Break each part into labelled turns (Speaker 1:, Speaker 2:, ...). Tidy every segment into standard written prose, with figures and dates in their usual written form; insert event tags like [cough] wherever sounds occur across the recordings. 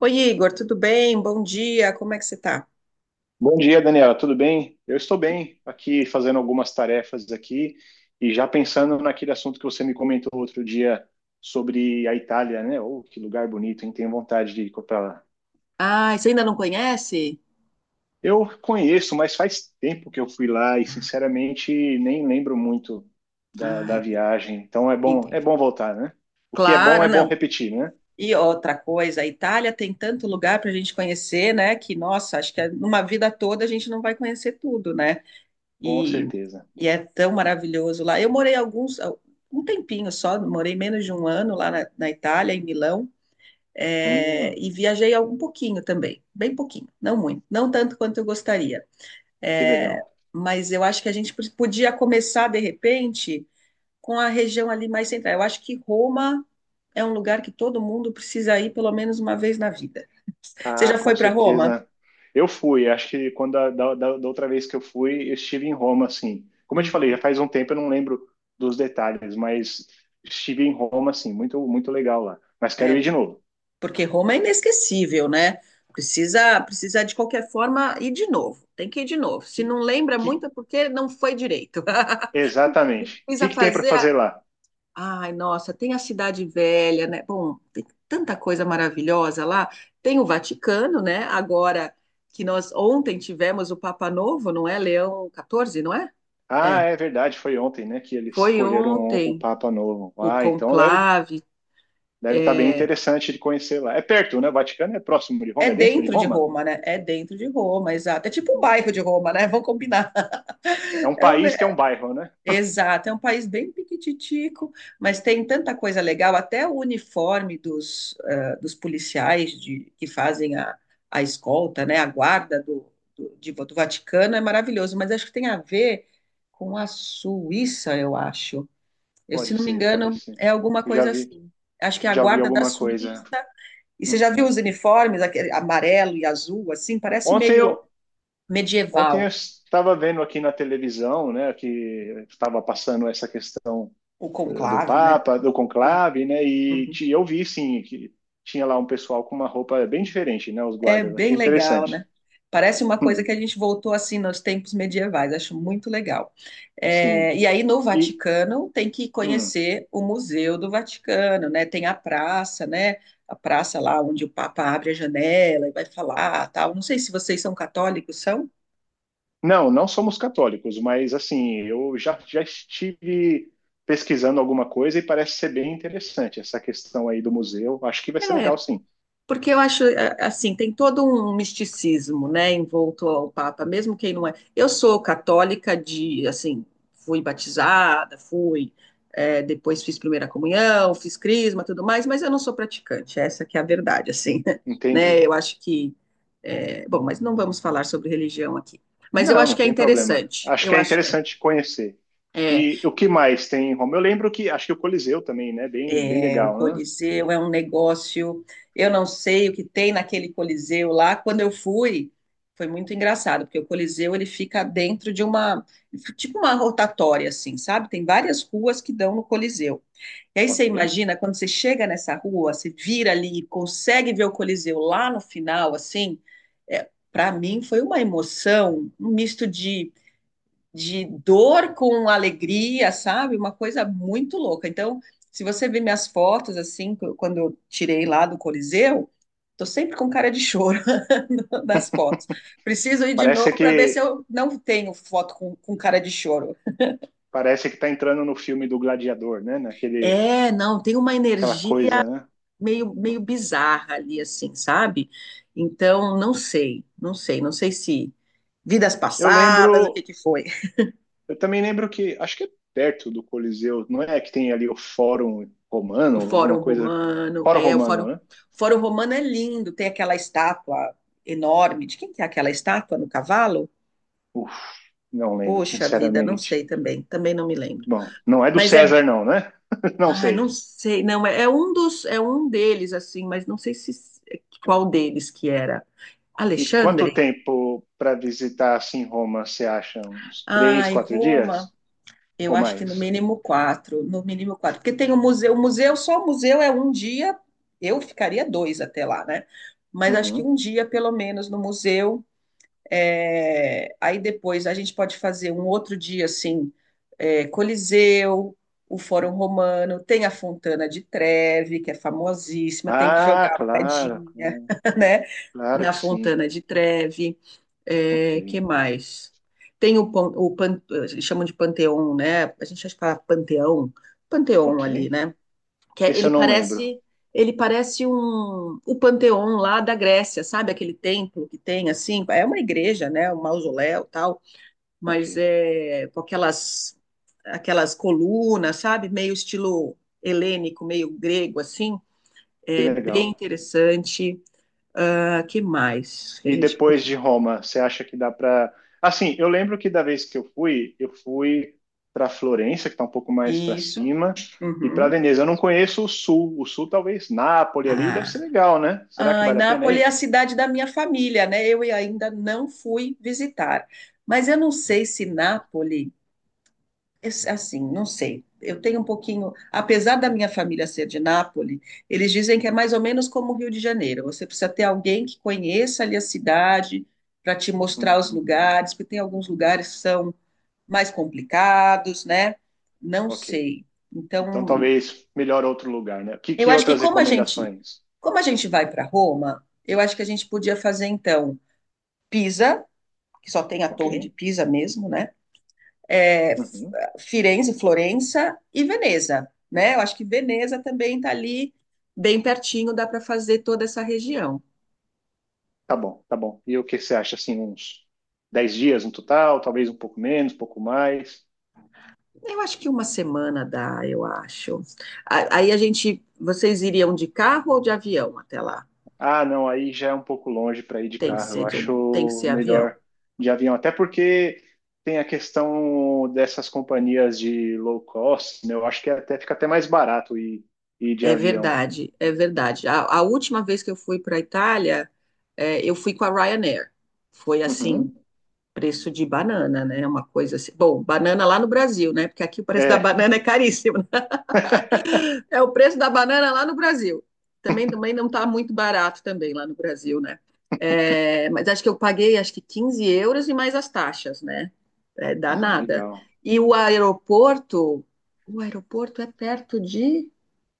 Speaker 1: Oi, Igor, tudo bem? Bom dia, como é que você tá?
Speaker 2: Bom dia, Daniela. Tudo bem? Eu estou bem aqui fazendo algumas tarefas aqui e já pensando naquele assunto que você me comentou outro dia sobre a Itália, né? Oh, que lugar bonito, hein? Tenho vontade de ir para lá.
Speaker 1: Ah, você ainda não conhece?
Speaker 2: Eu conheço, mas faz tempo que eu fui lá e sinceramente nem lembro muito da,
Speaker 1: Ah,
Speaker 2: da viagem. Então é
Speaker 1: entendi.
Speaker 2: bom voltar, né? O que
Speaker 1: Claro,
Speaker 2: é bom
Speaker 1: não.
Speaker 2: repetir, né?
Speaker 1: E outra coisa, a Itália tem tanto lugar para a gente conhecer, né? Que, nossa, acho que é numa vida toda a gente não vai conhecer tudo, né?
Speaker 2: Com
Speaker 1: E,
Speaker 2: certeza.
Speaker 1: e é tão maravilhoso lá. Eu morei alguns, um tempinho só, morei menos de um ano lá na Itália, em Milão,
Speaker 2: Hum,
Speaker 1: e viajei um pouquinho também, bem pouquinho, não muito, não tanto quanto eu gostaria.
Speaker 2: que
Speaker 1: É,
Speaker 2: legal.
Speaker 1: mas eu acho que a gente podia começar, de repente, com a região ali mais central. Eu acho que Roma é um lugar que todo mundo precisa ir pelo menos uma vez na vida. Você
Speaker 2: Ah,
Speaker 1: já
Speaker 2: com
Speaker 1: foi para Roma?
Speaker 2: certeza. Eu fui, acho que quando a- da, da, da outra vez que eu fui, eu estive em Roma, assim. Como eu te falei, já
Speaker 1: Uhum.
Speaker 2: faz um tempo, eu não lembro dos detalhes, mas estive em Roma, assim, muito legal lá. Mas quero
Speaker 1: É,
Speaker 2: ir de novo.
Speaker 1: porque Roma é inesquecível, né? Precisa de qualquer forma ir de novo. Tem que ir de novo.
Speaker 2: Que,
Speaker 1: Se não lembra
Speaker 2: que,
Speaker 1: muito é porque não foi direito.
Speaker 2: Exatamente.
Speaker 1: [laughs]
Speaker 2: O que
Speaker 1: Precisa
Speaker 2: que tem para
Speaker 1: fazer
Speaker 2: fazer lá?
Speaker 1: Ai, nossa, tem a Cidade Velha, né? Bom, tem tanta coisa maravilhosa lá. Tem o Vaticano, né? Agora que nós ontem tivemos o Papa Novo, não é? Leão XIV, não é?
Speaker 2: Ah,
Speaker 1: É,
Speaker 2: é verdade, foi ontem, né, que eles
Speaker 1: foi
Speaker 2: escolheram o
Speaker 1: ontem
Speaker 2: Papa novo.
Speaker 1: o
Speaker 2: Ah,
Speaker 1: conclave.
Speaker 2: deve estar bem
Speaker 1: É,
Speaker 2: interessante de conhecer lá. É perto, né? O Vaticano é próximo de
Speaker 1: é
Speaker 2: Roma, é dentro de
Speaker 1: dentro de
Speaker 2: Roma?
Speaker 1: Roma, né? É dentro de Roma, exato. É tipo um bairro
Speaker 2: Hum.
Speaker 1: de Roma, né? Vamos combinar.
Speaker 2: É um
Speaker 1: [laughs] É um
Speaker 2: país que é um bairro, né?
Speaker 1: Exato, é um país bem piquititico, mas tem tanta coisa legal, até o uniforme dos policiais de, que fazem a escolta, né, a guarda do Vaticano é maravilhoso, mas acho que tem a ver com a Suíça, eu acho. Eu, se
Speaker 2: Pode
Speaker 1: não me
Speaker 2: ser, pode
Speaker 1: engano,
Speaker 2: ser.
Speaker 1: é alguma
Speaker 2: Eu já
Speaker 1: coisa
Speaker 2: vi.
Speaker 1: assim. Acho que é a
Speaker 2: Já ouvi
Speaker 1: guarda da
Speaker 2: alguma coisa.
Speaker 1: Suíça, e você já viu
Speaker 2: Uhum.
Speaker 1: os uniformes, aquele amarelo e azul, assim, parece
Speaker 2: Ontem
Speaker 1: meio
Speaker 2: eu, ontem eu
Speaker 1: medieval,
Speaker 2: estava vendo aqui na televisão, né, que estava passando essa questão
Speaker 1: o
Speaker 2: do
Speaker 1: conclave, né?
Speaker 2: Papa, do conclave, né, e
Speaker 1: Uhum.
Speaker 2: eu vi, sim, que tinha lá um pessoal com uma roupa bem diferente, né, os
Speaker 1: É
Speaker 2: guardas.
Speaker 1: bem
Speaker 2: Achei
Speaker 1: legal,
Speaker 2: interessante.
Speaker 1: né? Parece uma coisa
Speaker 2: Hum,
Speaker 1: que a gente voltou assim nos tempos medievais, acho muito legal. É,
Speaker 2: sim.
Speaker 1: e aí no
Speaker 2: E,
Speaker 1: Vaticano tem que
Speaker 2: hum,
Speaker 1: conhecer o Museu do Vaticano, né? Tem a praça, né? A praça lá onde o Papa abre a janela e vai falar, tal. Não sei se vocês são católicos, são?
Speaker 2: não, não somos católicos, mas, assim, já estive pesquisando alguma coisa e parece ser bem interessante essa questão aí do museu. Acho que vai ser legal, sim.
Speaker 1: Porque eu acho, assim, tem todo um misticismo, né, envolto ao Papa, mesmo quem não é. Eu sou católica de, assim, fui batizada, fui, depois fiz primeira comunhão, fiz crisma, tudo mais, mas eu não sou praticante, essa que é a verdade, assim, [laughs] né,
Speaker 2: Entendi.
Speaker 1: eu acho que, bom, mas não vamos falar sobre religião aqui. Mas eu
Speaker 2: Não,
Speaker 1: acho
Speaker 2: não
Speaker 1: que é
Speaker 2: tem problema.
Speaker 1: interessante,
Speaker 2: Acho
Speaker 1: eu
Speaker 2: que é
Speaker 1: acho que é.
Speaker 2: interessante conhecer.
Speaker 1: é,
Speaker 2: E o que mais tem em Roma? Eu lembro que acho que o Coliseu também, né? Bem, bem
Speaker 1: o
Speaker 2: legal, né?
Speaker 1: Coliseu é um negócio. Eu não sei o que tem naquele Coliseu lá. Quando eu fui, foi muito engraçado, porque o Coliseu ele fica dentro de uma, tipo uma rotatória, assim, sabe? Tem várias ruas que dão no Coliseu. E aí você
Speaker 2: Ok.
Speaker 1: imagina, quando você chega nessa rua, você vira ali e consegue ver o Coliseu lá no final, assim, para mim foi uma emoção, um misto de dor com alegria, sabe? Uma coisa muito louca. Então, se você ver minhas fotos, assim, quando eu tirei lá do Coliseu, tô sempre com cara de choro [laughs] nas fotos. Preciso ir de novo
Speaker 2: Parece
Speaker 1: para ver se
Speaker 2: que
Speaker 1: eu não tenho foto com cara de choro.
Speaker 2: parece que tá entrando no filme do Gladiador, né? Naquele
Speaker 1: É, não, tem uma
Speaker 2: aquela
Speaker 1: energia
Speaker 2: coisa, né?
Speaker 1: meio, meio bizarra ali, assim, sabe? Então, não sei se vidas
Speaker 2: Eu
Speaker 1: passadas, o que
Speaker 2: lembro,
Speaker 1: que foi.
Speaker 2: eu também lembro que acho que é perto do Coliseu, não é que tem ali o Fórum
Speaker 1: O
Speaker 2: Romano,
Speaker 1: Fórum
Speaker 2: alguma coisa
Speaker 1: Romano,
Speaker 2: Fórum
Speaker 1: é, o Fórum,
Speaker 2: Romano,
Speaker 1: o
Speaker 2: né?
Speaker 1: Fórum Romano é lindo, tem aquela estátua enorme. De quem que é aquela estátua no cavalo?
Speaker 2: Uf, não lembro,
Speaker 1: Poxa vida, não
Speaker 2: sinceramente.
Speaker 1: sei também não me lembro.
Speaker 2: Bom, não é do
Speaker 1: Mas
Speaker 2: César não, né? [laughs] Não
Speaker 1: ai, não
Speaker 2: sei.
Speaker 1: sei, não, é um deles assim, mas não sei se qual deles que era.
Speaker 2: E quanto
Speaker 1: Alexandre?
Speaker 2: tempo para visitar assim Roma, você acha? Uns três,
Speaker 1: Ai,
Speaker 2: quatro
Speaker 1: Roma,
Speaker 2: dias
Speaker 1: eu
Speaker 2: ou
Speaker 1: acho que no
Speaker 2: mais?
Speaker 1: mínimo quatro, no mínimo quatro, porque tem o museu, só o museu é um dia, eu ficaria dois até lá, né? Mas acho que
Speaker 2: Uhum.
Speaker 1: um dia, pelo menos, no museu. Aí depois a gente pode fazer um outro dia assim, Coliseu, o Fórum Romano, tem a Fontana de Trevi, que é famosíssima, tem que
Speaker 2: Ah,
Speaker 1: jogar a
Speaker 2: claro,
Speaker 1: moedinha,
Speaker 2: claro,
Speaker 1: [laughs] né?
Speaker 2: claro
Speaker 1: Na
Speaker 2: que sim.
Speaker 1: Fontana de Trevi.
Speaker 2: Ok,
Speaker 1: Que mais? Tem Chamam de Panteão, né? A gente acha que fala Panteão, Panteão ali,
Speaker 2: ok.
Speaker 1: né? que é-
Speaker 2: Esse eu
Speaker 1: ele
Speaker 2: não lembro.
Speaker 1: parece ele parece o Panteão lá da Grécia, sabe? Aquele templo que tem assim, é uma igreja, né? Um mausoléu, tal,
Speaker 2: Ok,
Speaker 1: mas é com aquelas colunas, sabe? Meio estilo helênico, meio grego assim,
Speaker 2: que
Speaker 1: é
Speaker 2: legal.
Speaker 1: bem interessante. Ah, que mais que a
Speaker 2: E
Speaker 1: gente
Speaker 2: depois
Speaker 1: pode...
Speaker 2: de Roma, você acha que dá para? Assim, eu lembro que da vez que eu fui para Florença, que está um pouco mais para
Speaker 1: Isso.
Speaker 2: cima, e para
Speaker 1: Uhum.
Speaker 2: Veneza. Eu não conheço o sul. O sul, talvez Nápoles ali, deve ser
Speaker 1: Ah,
Speaker 2: legal, né? Será que
Speaker 1: Ai,
Speaker 2: vale a pena
Speaker 1: Nápoles é a
Speaker 2: ir?
Speaker 1: cidade da minha família, né? Eu ainda não fui visitar. Mas eu não sei se Nápoles, assim, não sei. Eu tenho um pouquinho, apesar da minha família ser de Nápoles, eles dizem que é mais ou menos como o Rio de Janeiro. Você precisa ter alguém que conheça ali a cidade para te mostrar os
Speaker 2: Uhum.
Speaker 1: lugares, porque tem alguns lugares que são mais complicados, né? Não
Speaker 2: Ok.
Speaker 1: sei.
Speaker 2: Então,
Speaker 1: Então,
Speaker 2: talvez melhor outro lugar, né?
Speaker 1: eu
Speaker 2: Que
Speaker 1: acho que
Speaker 2: outras
Speaker 1: como a gente,
Speaker 2: recomendações?
Speaker 1: como a gente vai para Roma, eu acho que a gente podia fazer então. Pisa, que só tem a
Speaker 2: Ok.
Speaker 1: Torre de Pisa mesmo, né? É,
Speaker 2: Uhum.
Speaker 1: Firenze, Florença e Veneza, né? Eu acho que Veneza também está ali bem pertinho, dá para fazer toda essa região.
Speaker 2: Tá bom, tá bom. E o que você acha, assim, uns 10 dias no total? Talvez um pouco menos, um pouco mais?
Speaker 1: Eu acho que uma semana dá, eu acho. Aí vocês iriam de carro ou de avião até lá?
Speaker 2: Ah, não, aí já é um pouco longe para ir de
Speaker 1: Tem que
Speaker 2: carro.
Speaker 1: ser
Speaker 2: Eu
Speaker 1: de, tem que
Speaker 2: acho
Speaker 1: ser avião.
Speaker 2: melhor de avião. Até porque tem a questão dessas companhias de low cost, né? Eu acho que até fica até mais barato ir de
Speaker 1: É
Speaker 2: avião.
Speaker 1: verdade, é verdade. A última vez que eu fui para a Itália, eu fui com a Ryanair. Foi assim,
Speaker 2: Uhum.
Speaker 1: preço de banana, né? É uma coisa assim. Bom, banana lá no Brasil, né? Porque aqui o preço da
Speaker 2: É. [laughs]
Speaker 1: banana é caríssimo, né? É o preço da banana lá no Brasil. Também, também não está muito barato também lá no Brasil, né? Mas acho que eu paguei acho que 15 euros e mais as taxas, né? É
Speaker 2: Ah,
Speaker 1: danada.
Speaker 2: legal.
Speaker 1: E o aeroporto é perto de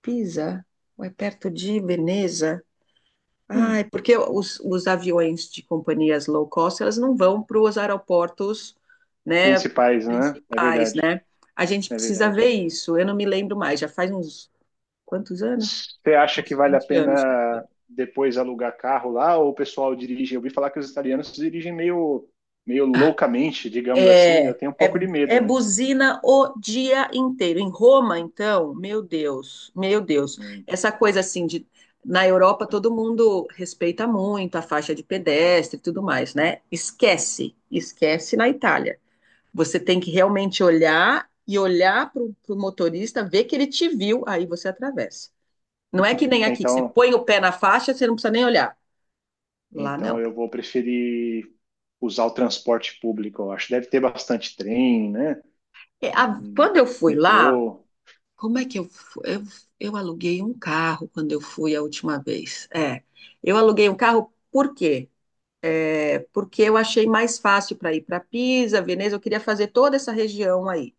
Speaker 1: Pisa, ou é perto de Veneza? Ah,
Speaker 2: Hum.
Speaker 1: é porque os aviões de companhias low cost, elas não vão para os aeroportos, né,
Speaker 2: Principais, né? É
Speaker 1: principais,
Speaker 2: verdade.
Speaker 1: né? A gente
Speaker 2: É
Speaker 1: precisa
Speaker 2: verdade.
Speaker 1: ver isso. Eu não me lembro mais, já faz uns quantos anos?
Speaker 2: Você acha que
Speaker 1: Uns
Speaker 2: vale a
Speaker 1: 20 anos que foi.
Speaker 2: pena depois alugar carro lá ou o pessoal dirige? Eu ouvi falar que os italianos dirigem meio, meio loucamente, digamos assim, né? Eu
Speaker 1: É,
Speaker 2: tenho um pouco
Speaker 1: é,
Speaker 2: de medo,
Speaker 1: é
Speaker 2: né?
Speaker 1: buzina o dia inteiro. Em Roma, então, meu Deus, meu Deus.
Speaker 2: Hum.
Speaker 1: Essa coisa assim de na Europa todo mundo respeita muito a faixa de pedestre e tudo mais, né? Esquece, esquece na Itália. Você tem que realmente olhar e olhar para o motorista, ver que ele te viu, aí você atravessa. Não é que nem aqui, que você
Speaker 2: Então,
Speaker 1: põe o pé na faixa, você não precisa nem olhar. Lá
Speaker 2: então
Speaker 1: não.
Speaker 2: eu vou preferir usar o transporte público, eu acho. Deve ter bastante trem, né? Hum,
Speaker 1: Quando eu fui lá,
Speaker 2: Metrô.
Speaker 1: como é que eu, fu- eu aluguei um carro quando eu fui a última vez. Eu aluguei um carro por quê? Porque eu achei mais fácil para ir para Pisa, Veneza, eu queria fazer toda essa região aí.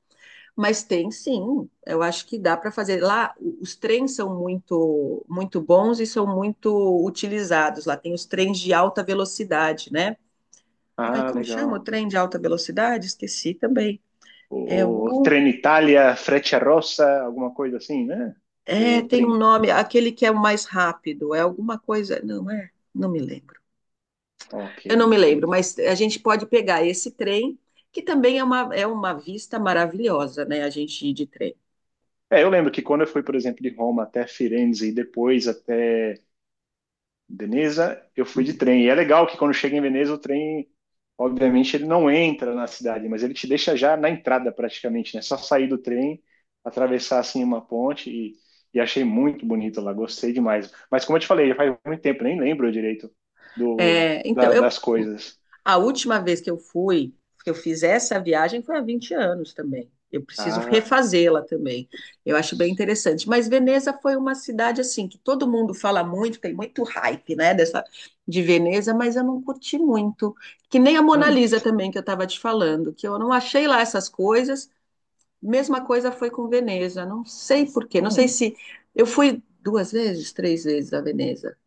Speaker 1: Mas tem sim, eu acho que dá para fazer. Lá, os trens são muito, muito bons e são muito utilizados. Lá tem os trens de alta velocidade, né? Ai,
Speaker 2: Ah,
Speaker 1: como chama o
Speaker 2: legal.
Speaker 1: trem de alta velocidade? Esqueci também. É
Speaker 2: O
Speaker 1: o.
Speaker 2: Trenitalia, Frecciarossa, alguma coisa assim, né?
Speaker 1: É,
Speaker 2: O
Speaker 1: tem um
Speaker 2: trem.
Speaker 1: nome, aquele que é o mais rápido, é alguma coisa. Não é? Não me lembro.
Speaker 2: Ok,
Speaker 1: Eu não me
Speaker 2: ok.
Speaker 1: lembro, mas a gente pode pegar esse trem, que também é uma, vista maravilhosa, né? A gente ir de trem.
Speaker 2: É, eu lembro que quando eu fui, por exemplo, de Roma até Firenze e depois até Veneza, eu fui de
Speaker 1: Uhum.
Speaker 2: trem. E é legal que quando chega em Veneza, o trem, obviamente, ele não entra na cidade, mas ele te deixa já na entrada praticamente, né? Só sair do trem, atravessar assim uma ponte e achei muito bonito lá, gostei demais. Mas como eu te falei, já faz muito tempo, nem lembro direito
Speaker 1: É, então, eu
Speaker 2: das coisas.
Speaker 1: A última vez que eu fui, que eu fiz essa viagem, foi há 20 anos também. Eu preciso
Speaker 2: Ah,
Speaker 1: refazê-la também. Eu acho bem interessante. Mas Veneza foi uma cidade assim que todo mundo fala muito, tem muito hype, né, dessa de Veneza, mas eu não curti muito. Que nem a Mona
Speaker 2: hum,
Speaker 1: Lisa também que eu estava te falando, que eu não achei lá essas coisas. Mesma coisa foi com Veneza. Não sei por quê. Não sei
Speaker 2: hum.
Speaker 1: se eu fui duas vezes, três vezes a Veneza.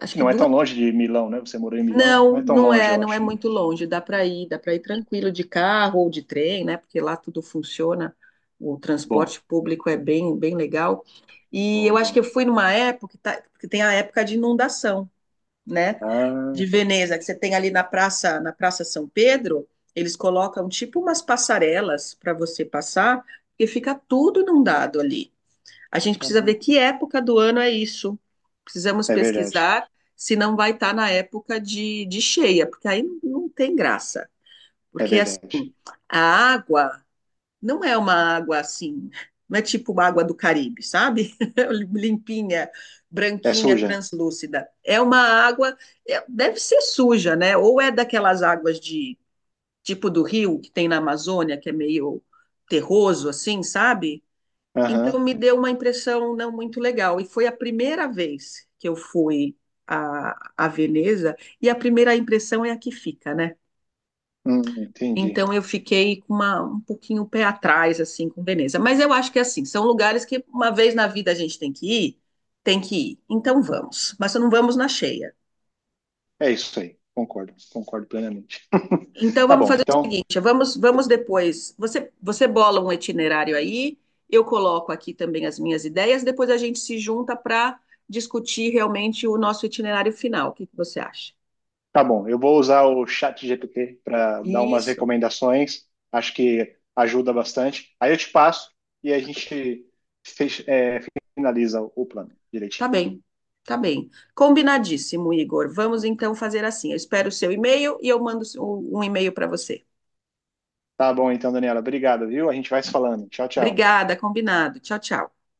Speaker 1: Acho
Speaker 2: Que
Speaker 1: que
Speaker 2: não é
Speaker 1: duas
Speaker 2: tão longe de Milão, né? Você morou em Milão,
Speaker 1: não,
Speaker 2: não é tão
Speaker 1: não
Speaker 2: longe,
Speaker 1: é,
Speaker 2: eu
Speaker 1: não é
Speaker 2: acho, né?
Speaker 1: muito longe, dá para ir tranquilo de carro ou de trem, né? Porque lá tudo funciona, o
Speaker 2: Bom,
Speaker 1: transporte público é bem, bem legal. E eu
Speaker 2: bom,
Speaker 1: acho que eu
Speaker 2: bom.
Speaker 1: fui numa época que, que tem a época de inundação, né?
Speaker 2: Ah,
Speaker 1: De Veneza, que você tem ali na Praça São Pedro, eles colocam tipo umas passarelas para você passar, porque fica tudo inundado ali. A gente precisa ver
Speaker 2: caramba.
Speaker 1: que época do ano é isso. Precisamos
Speaker 2: É verdade.
Speaker 1: pesquisar se não vai estar na época de cheia, porque aí não tem graça.
Speaker 2: É
Speaker 1: Porque assim,
Speaker 2: verdade.
Speaker 1: a água não é uma água assim, não é tipo uma água do Caribe, sabe? [laughs] Limpinha,
Speaker 2: É
Speaker 1: branquinha,
Speaker 2: suja.
Speaker 1: translúcida. É uma água, deve ser suja, né? Ou é daquelas águas de tipo do rio que tem na Amazônia, que é meio terroso, assim, sabe? Então
Speaker 2: Aham.
Speaker 1: me deu uma impressão não muito legal. E foi a primeira vez que eu fui a, a Veneza, e a primeira impressão é a que fica, né?
Speaker 2: Entendi.
Speaker 1: Então eu fiquei com um pouquinho o pé atrás, assim, com Veneza. Mas eu acho que, assim, são lugares que uma vez na vida a gente tem que ir, tem que ir. Então vamos. Mas não vamos na cheia.
Speaker 2: É isso aí. Concordo. Concordo plenamente. [laughs]
Speaker 1: Então
Speaker 2: Tá
Speaker 1: vamos
Speaker 2: bom.
Speaker 1: fazer o seguinte, vamos depois. Você bola um itinerário aí, eu coloco aqui também as minhas ideias, depois a gente se junta para discutir realmente o nosso itinerário final. O que que você acha?
Speaker 2: Tá bom. Eu vou usar o chat GPT para dar umas
Speaker 1: Isso,
Speaker 2: recomendações. Acho que ajuda bastante. Aí eu te passo e a gente fech- é, finaliza o plano
Speaker 1: tá
Speaker 2: direitinho.
Speaker 1: bem, tá bem. Combinadíssimo, Igor. Vamos então fazer assim. Eu espero o seu e-mail e eu mando um e-mail para você.
Speaker 2: Tá bom, então, Daniela. Obrigado, viu? A gente vai se falando. Tchau, tchau.
Speaker 1: Obrigada, combinado. Tchau, tchau.